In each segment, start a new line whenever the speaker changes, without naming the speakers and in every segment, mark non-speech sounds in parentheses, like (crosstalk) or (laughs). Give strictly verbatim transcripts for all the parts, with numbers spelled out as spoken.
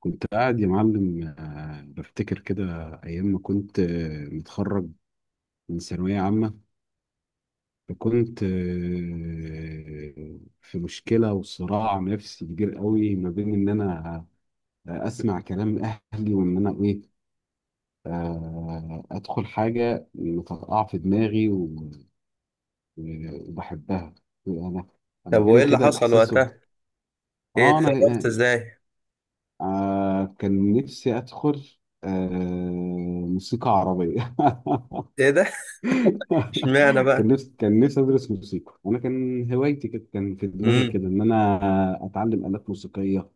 كنت قاعد يا معلم آه، بفتكر كده. أيام ما كنت آه، متخرج من ثانوية عامة. فكنت آه، في مشكلة وصراع نفسي كبير قوي ما بين إن أنا آه، أسمع كلام أهلي وإن أنا إيه آه، أدخل حاجة مطرقعة في دماغي و- وبحبها. أنا
طب
أنا جالي
وايه اللي
كده
حصل
الإحساس هو-
وقتها؟ ايه
آه أنا
اتصرفت ازاي؟
آه، آه، كان نفسي أدخل آه، موسيقى عربية. (laughs)
ايه ده؟ (laughs) اشمعنى
(laughs) كان
بقى؟
نفسي كان نفسي ادرس موسيقى، انا كان هوايتي كده، كان في دماغي
امم.
كده ان انا اتعلم آلات موسيقية،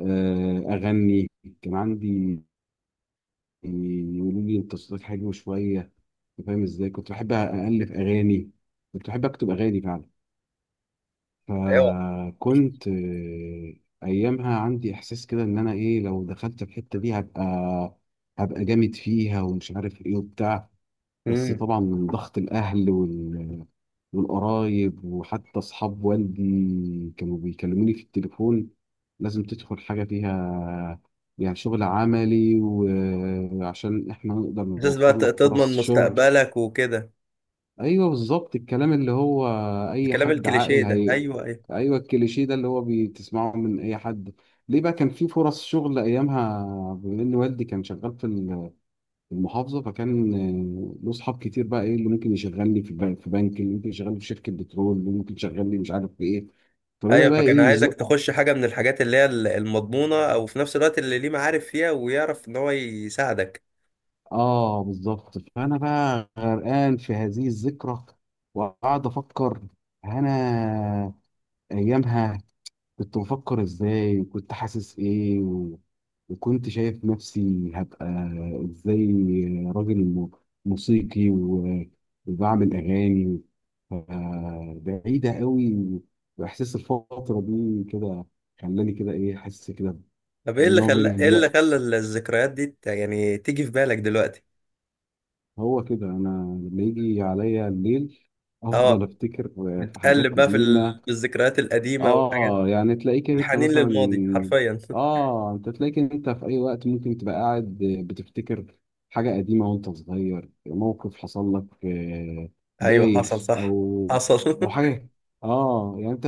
آه، اغني. كان عندي يقولوا لي انت صوتك حلو شوية. أنت فاهم ازاي، كنت بحب الف اغاني، كنت بحب اكتب اغاني فعلا.
ايوه.
فكنت آه، ايامها عندي احساس كده ان انا ايه، لو دخلت الحتة دي هبقى هبقى جامد فيها ومش عارف ايه وبتاع. بس
امم.
طبعا من ضغط الأهل وال... والقرايب، وحتى أصحاب والدي كانوا بيكلموني في التليفون: لازم تدخل حاجة فيها، يعني شغل عملي، وعشان إحنا نقدر
اساس بقى،
نوفر
ت-
لك فرص
تضمن
شغل.
مستقبلك وكده.
أيوه بالظبط، الكلام اللي هو أي
الكلام
حد
الكليشيه
عاقل
ده،
هي.
ايوه ايوه
أيوه الكليشيه ده اللي هو بتسمعه من أي حد. ليه بقى كان في فرص شغل أيامها؟ بما إن والدي كان شغال في المحافظه، فكان آه، له اصحاب كتير، بقى ايه اللي ممكن يشغلني في بنك، في بنك اللي ممكن يشغلني في شركه بترول، اللي ممكن يشغلني مش عارف في ايه. فبدا
ايوه.
بقى
فكان
ايه
عايزك
يزق.
تخش حاجه من الحاجات اللي هي ال- المضمونه، او في نفس الوقت اللي ليه معارف فيها ويعرف ان هو يساعدك.
اه بالظبط. فانا بقى غرقان في هذه الذكرى وقعد افكر، انا ايامها كنت بفكر ازاي وكنت حاسس ايه و... وكنت شايف نفسي هبقى ازاي راجل م- موسيقي و... وبعمل اغاني. ف- بعيدة قوي، واحساس الفترة دي كده خلاني كده ايه حاسس كده
طب ايه اللي
بنوع من
خلى ايه اللي خلى
اليأس.
ال- الذكريات دي ت- يعني تيجي في بالك دلوقتي؟
هو كده، انا لما يجي عليا الليل افضل
اه.
افتكر في حاجات
بتقلب بقى في ال-
قديمة.
في الذكريات القديمه والحاجات دي.
اه يعني تلاقيك انت
الحنين
مثلا،
للماضي حرفيا. (laughs)
اه انت تلاقيك انت في اي وقت ممكن تبقى قاعد بتفتكر حاجة قديمة وانت صغير، موقف حصل لك آه،
ايوه حصل،
بايخ
صح.
او
حصل.
او
(laughs)
حاجة. اه يعني انت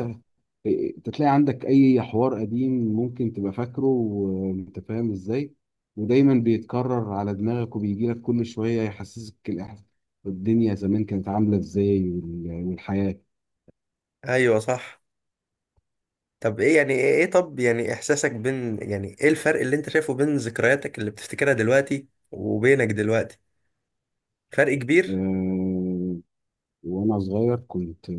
انت تلاقي عندك اي حوار قديم ممكن تبقى فاكره وانت فاهم ازاي، ودايما بيتكرر على دماغك وبيجي لك كل شوية يحسسك الإحساس- الدنيا زمان كانت عاملة ازاي وال- والحياة.
ايوه صح. طب ايه يعني ايه إيه طب يعني احساسك بين يعني ايه الفرق اللي انت شايفه بين ذكرياتك اللي بتفتكرها دلوقتي وبينك دلوقتي؟ فرق كبير.
آه، وانا صغير كنت،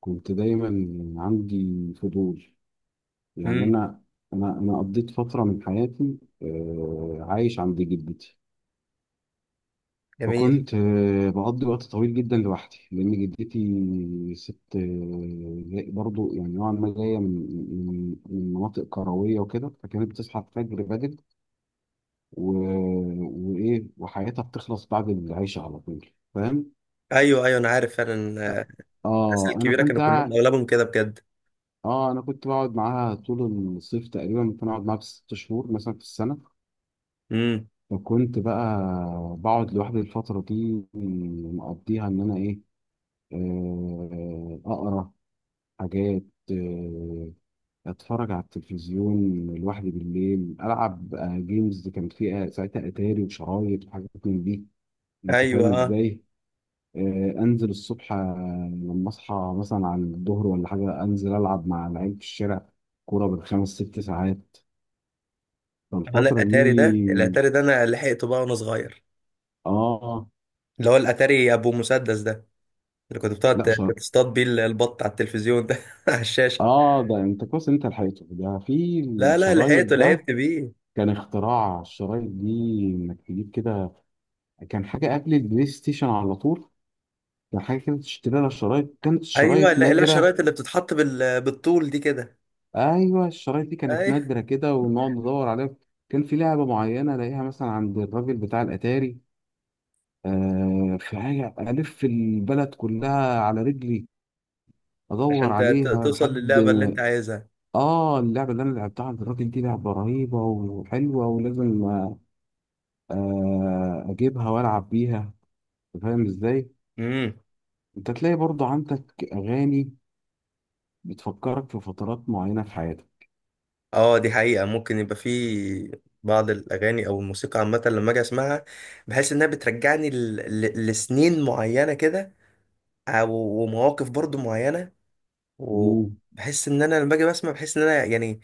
كنت دايما عندي فضول. يعني
امم.
انا، انا انا قضيت فتره من حياتي آه، عايش عند جدتي.
جميل.
فكنت آه، بقضي وقت طويل جدا لوحدي، لان جدتي ست آه، جاي- برضو يعني نوعا ما جايه من من من مناطق كرويه وكده، فكانت بتصحى الفجر بدري و... وايه، وحياتها بتخلص بعد العشاء على طول. فاهم.
ايوه ايوه انا عارف فعلا. آه، الناس
اه انا
الكبيره
كنت،
كانوا كلهم اغلبهم كده بجد.
اه انا كنت بقعد معاها طول الصيف تقريبا، ممكن اقعد معاها بست شهور مثلا في السنه.
امم.
وكنت بقى بقعد لوحدي الفتره دي، مقضيها ان انا ايه آه، اقرا حاجات، آه، اتفرج على التلفزيون لوحدي بالليل، العب آه، جيمز، كان فيها ساعتها اتاري وشرايط وحاجات من دي، انت
ايوه
فاهم
اه.
ازاي. آه، انزل الصبح آه، لما اصحى مثلا على الظهر ولا حاجه، انزل العب مع العيال في الشارع كوره بالخمس ست ساعات.
انا
فالفترة
الاتاري ده،
دي
الاتاري ده انا لحقته بقى وانا صغير.
اه
اللي هو الاتاري ابو مسدس ده، اللي كنت بتقعد
لا شر...
تصطاد بيه البط على التلفزيون ده (laughs) على الشاشه.
اه ده انت كويس إن انت لحقته ده في
لا لا،
الشرايط
لحقته،
ده.
لعبت بيه.
كان اختراع الشرايط دي انك تجيب كده، كان حاجة قبل البلاي ستيشن على طول، كان حاجة كده تشتري لها شرايط، كانت
ايوه
الشرايط
لا لا،
نادرة.
الشرايط اللي بتتحط بال... بالطول دي كده.
ايوه الشرايط دي كانت
ايوه.
نادرة كده ونقعد ندور عليها. كان في لعبة معينة الاقيها مثلا عند الراجل بتاع الاتاري، آه في حاجة الف البلد كلها على رجلي ادور
عشان ت- ت-
عليها
توصل
لحد.
للعبة اللي انت عايزها.
اه اللعبة اللي انا لعبتها عند الراجل دي لعبة رهيبة وحلوة ولازم آه، اجيبها والعب بيها، أنت فاهم ازاي.
امم.
انت تلاقي برضه عندك اغاني بتفكرك في فترات معينة في حياتك.
اه دي حقيقة، ممكن يبقى في بعض الأغاني أو الموسيقى عامة لما أجي أسمعها، بحس إنها بترجعني ل... ل... لسنين معينة كده، أو ومواقف برضو معينة.
مم.
وبحس إن أنا لما أجي بسمع، بحس إن أنا يعني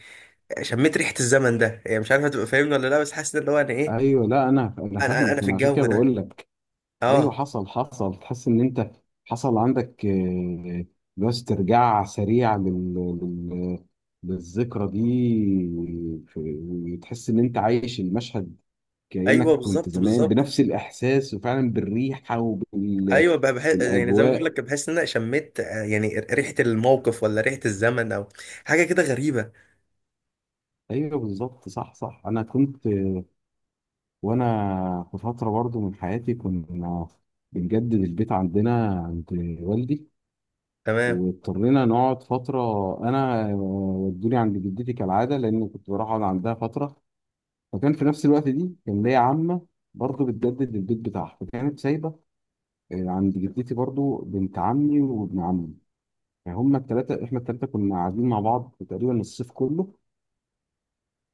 شميت ريحة الزمن ده، يعني مش عارف هتبقى فاهمني ولا لأ، بس حاسس إن هو أنا إيه،
ايوه، لا انا، انا
أنا أنا أنا
فاهمك،
في
وانا عشان
الجو
كده
ده.
بقول لك. ايوه
اه.
حصل، حصل، تحس ان انت حصل عندك آه، بس استرجاع سريع لل... لل... للذكرى دي، في- وتحس ان انت عايش المشهد كأنك
أيوه
كنت
بالظبط
زمان
بالظبط.
بنفس الإحساس وفعلا بالريحة
ايوه بقى بحس، يعني زي ما بقول
وبالأجواء.
لك، بحس ان انا شميت، آه، يعني ريحه الموقف ولا ريحه الزمن، او حاجه كده غريبه.
أيوه بالظبط، صح صح. أنا كنت وأنا في فترة برضو من حياتي كنا بنجدد البيت عندنا عند والدي،
تمام.
واضطرينا نقعد فترة، أنا ودوني عند جدتي كالعادة، لأن كنت بروح أقعد عندها فترة. فكان في نفس الوقت دي كان ليا عمة برضو بتجدد البيت بتاعها، فكانت سايبة آه، عند جدتي برضو بنت عمي وابن عمي، يعني هما التلاتة، احنا التلاتة كنا قاعدين مع بعض تقريبا الصيف كله.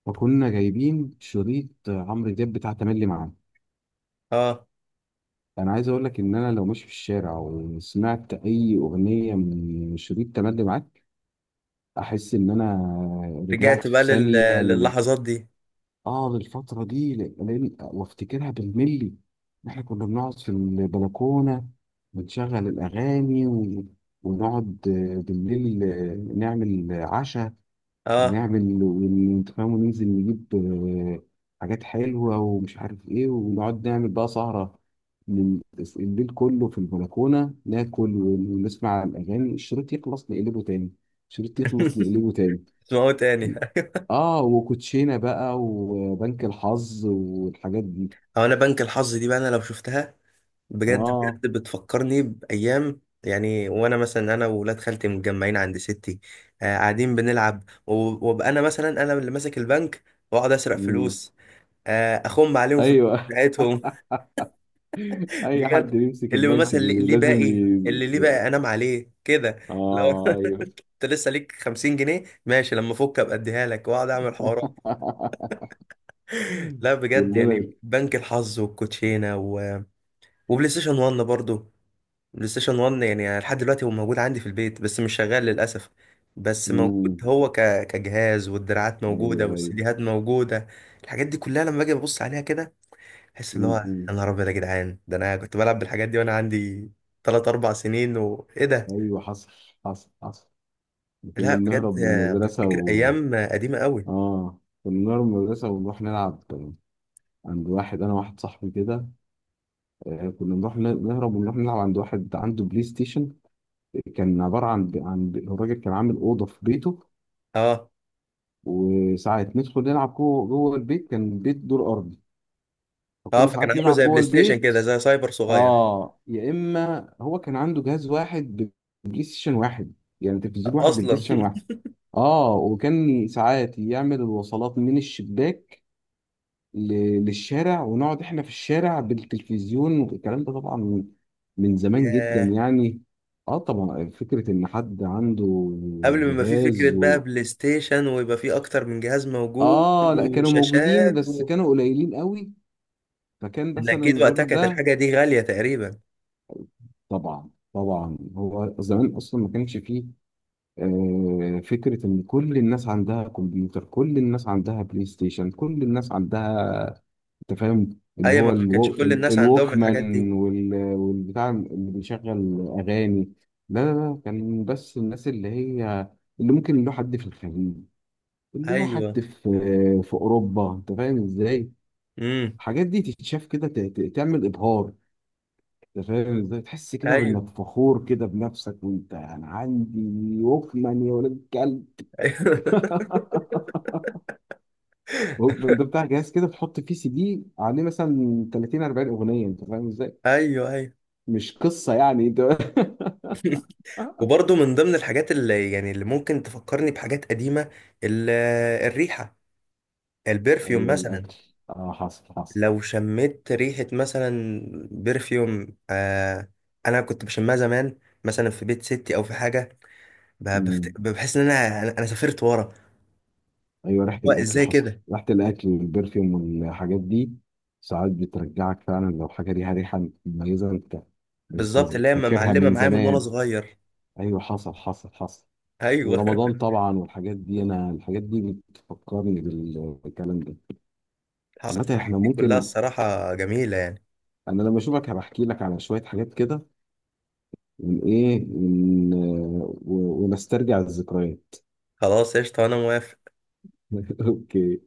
فكنا جايبين شريط عمرو دياب بتاع تملي معانا.
اه
انا عايز اقول لك ان انا لو ماشي في الشارع وسمعت اي اغنية من شريط تملي معاك احس ان انا
رجعت
رجعت
بقى
في
لل...
ثانية ل...
للحظات دي.
اه للفترة دي، ل- لأن- وافتكرها بالملي. احنا كنا بنقعد في البلكونة ونشغل الاغاني و... ونقعد بالليل نعمل عشاء،
اه.
ونعمل وانت فاهم، وننزل نجيب آه، حاجات حلوة ومش عارف ايه، ونقعد نعمل بقى سهرة من- الليل كله في البلكونة، ناكل ونسمع الأغاني، الشريط يخلص نقلبه تاني، الشريط يخلص نقلبه تاني.
اسمعوا تاني. (laughs)
اه، وكوتشينة بقى وبنك الحظ والحاجات دي.
او انا بنك الحظ دي بقى، انا لو شفتها بجد
اه.
بجد بتفكرني بايام، يعني وانا مثلا، انا وولاد خالتي متجمعين عند ستي، آه قاعدين بنلعب و- وابقى انا مثلا، انا اللي ماسك البنك واقعد اسرق
مم.
فلوس. آه اخم عليهم في (laughs) الفلوس
ايوه.
بتاعتهم.
(laughs) اي حد
بجد.
يمسك
اللي
البنك
مثلا ليه،
بي-
ليه بقى
لازم
ايه
ي...
اللي ليه بقى
ي-
انام عليه كده؟ لو
اه ايوه.
(laughs) انت لسه ليك خمسين جنيه، ماشي، لما افك ابقى اديها لك واقعد اعمل حوارات.
(laughs)
لا بجد،
كلنا.
يعني بنك الحظ والكوتشينه و... وبلاي ستيشن واحد برضو. بلاي ستيشن واحد يعني لحد دلوقتي هو موجود عندي في البيت بس مش شغال للاسف. بس موجود
امم.
هو ك... كجهاز، والدراعات موجوده
ايوه ايوه.
والسيديهات موجوده. الحاجات دي كلها لما باجي ابص عليها كده، تحس اللي هو يا
امم.
نهار ابيض يا جدعان، ده انا كنت بلعب بالحاجات دي وانا عندي ثلاث اربع سنين، وايه ده.
ايوه حصل، حصل، حصل. كنا
لا بجد،
بنهرب من
آه،
المدرسه
بفتكر
و
ايام آه، قديمه قوي.
اه كنا بنهرب من المدرسه ونروح نلعب عند واحد، انا واحد صاحبي كده. آه كنا بنروح ن- نهرب ونروح نلعب عند واحد عنده بلاي ستيشن، كان عباره عن ب... عن ب... الراجل كان عامل اوضه في بيته،
اه
وساعات ندخل نلعب جوه، جوه البيت، كان البيت دور ارضي،
اه.
فكنا
فكان
ساعات
عامله
نلعب
زي
جوه
بلاي ستيشن
البيت.
كده، زي سايبر صغير.
اه، يا اما هو كان عنده جهاز واحد ببلاي ستيشن واحد، يعني تلفزيون واحد ببلاي
اصلا.
ستيشن واحد. اه، وكان ساعات يعمل الوصلات من الشباك ل- للشارع، ونقعد احنا في الشارع بالتلفزيون، والكلام ده طبعا من من
(laughs)
زمان جدا
ياه.
يعني. اه طبعا، فكرة ان حد عنده
قبل ما يبقى في فكره
جهاز
بقى
و...
بلاي ستيشن ويبقى في اكتر من جهاز موجود
اه لا، كانوا موجودين
وشاشات
بس
و...
كانوا قليلين قوي، فكان
ان
مثلا
اكيد وقتها
الراجل
كانت
ده.
الحاجه دي غاليه تقريبا.
طبعا طبعا، هو زمان اصلا ما كانش فيه آه، فكرة إن كل الناس عندها كمبيوتر، كل الناس عندها بلاي ستيشن، كل الناس عندها، أنت فاهم اللي
ايوه
هو
ما كانش
الو...
كل
ال-
الناس عندهم الحاجات دي.
الووكمان وال... والبتاع اللي بيشغل أغاني. لا لا لا، كان بس الناس اللي هي اللي ممكن له حد في الخليج، اللي له حد
ايوه.
في في أوروبا، أنت فاهم إزاي
امم.
الحاجات دي تتشاف كده، ت... ت- تعمل إبهار. أنت فاهم إزاي تحس كده
ايوه.
بإنك فخور كده بنفسك، وأنت أنا عندي ووكمان يا ولاد الكلب.
(laughs)
(laughs) ووكمان ده بتاع جهاز كده تحط فيه سي دي عليه مثلا تلاتين اربعين اغنيه، انت فاهم ازاي؟
ايوه ايوه.
مش قصه يعني انت.
وبرضه من ضمن الحاجات اللي يعني، اللي ممكن تفكرني بحاجات قديمة، ال- آه، الريحة،
(laughs)
البرفيوم
ايوه
مثلا.
الاكل. اه حصل، حصل.
لو شميت ريحة مثلا برفيوم، آه أنا كنت بشمها زمان، مثلا في بيت ستي أو في حاجة. ب-
مم.
بفت- بحس إن أنا، أنا أنا سافرت ورا.
ايوه ريحه
هو
الاكل
إزاي
حصل،
كده.
ريحه الاكل والبرفيوم والحاجات دي، ساعات بترجعك فعلا لو حاجه ليها ريحه مميزه، انت انت
بالظبط، اللي هي
فاكرها
معلمة
من
معايا من وأنا
زمان.
صغير.
ايوه حصل، حصل، حصل.
أيوه.
ورمضان
(laughs)
طبعا والحاجات دي، انا الحاجات دي بتفكرني بال- بالكلام ده.
حصلت
عامه احنا
الحاجات دي كلها،
ممكن،
الصراحة جميلة يعني.
انا لما اشوفك هبحكي لك على شويه حاجات كده والايه ون- و- ونسترجع الذكريات.
خلاص قشطة، أنا موافق.
(laughs) اوكي.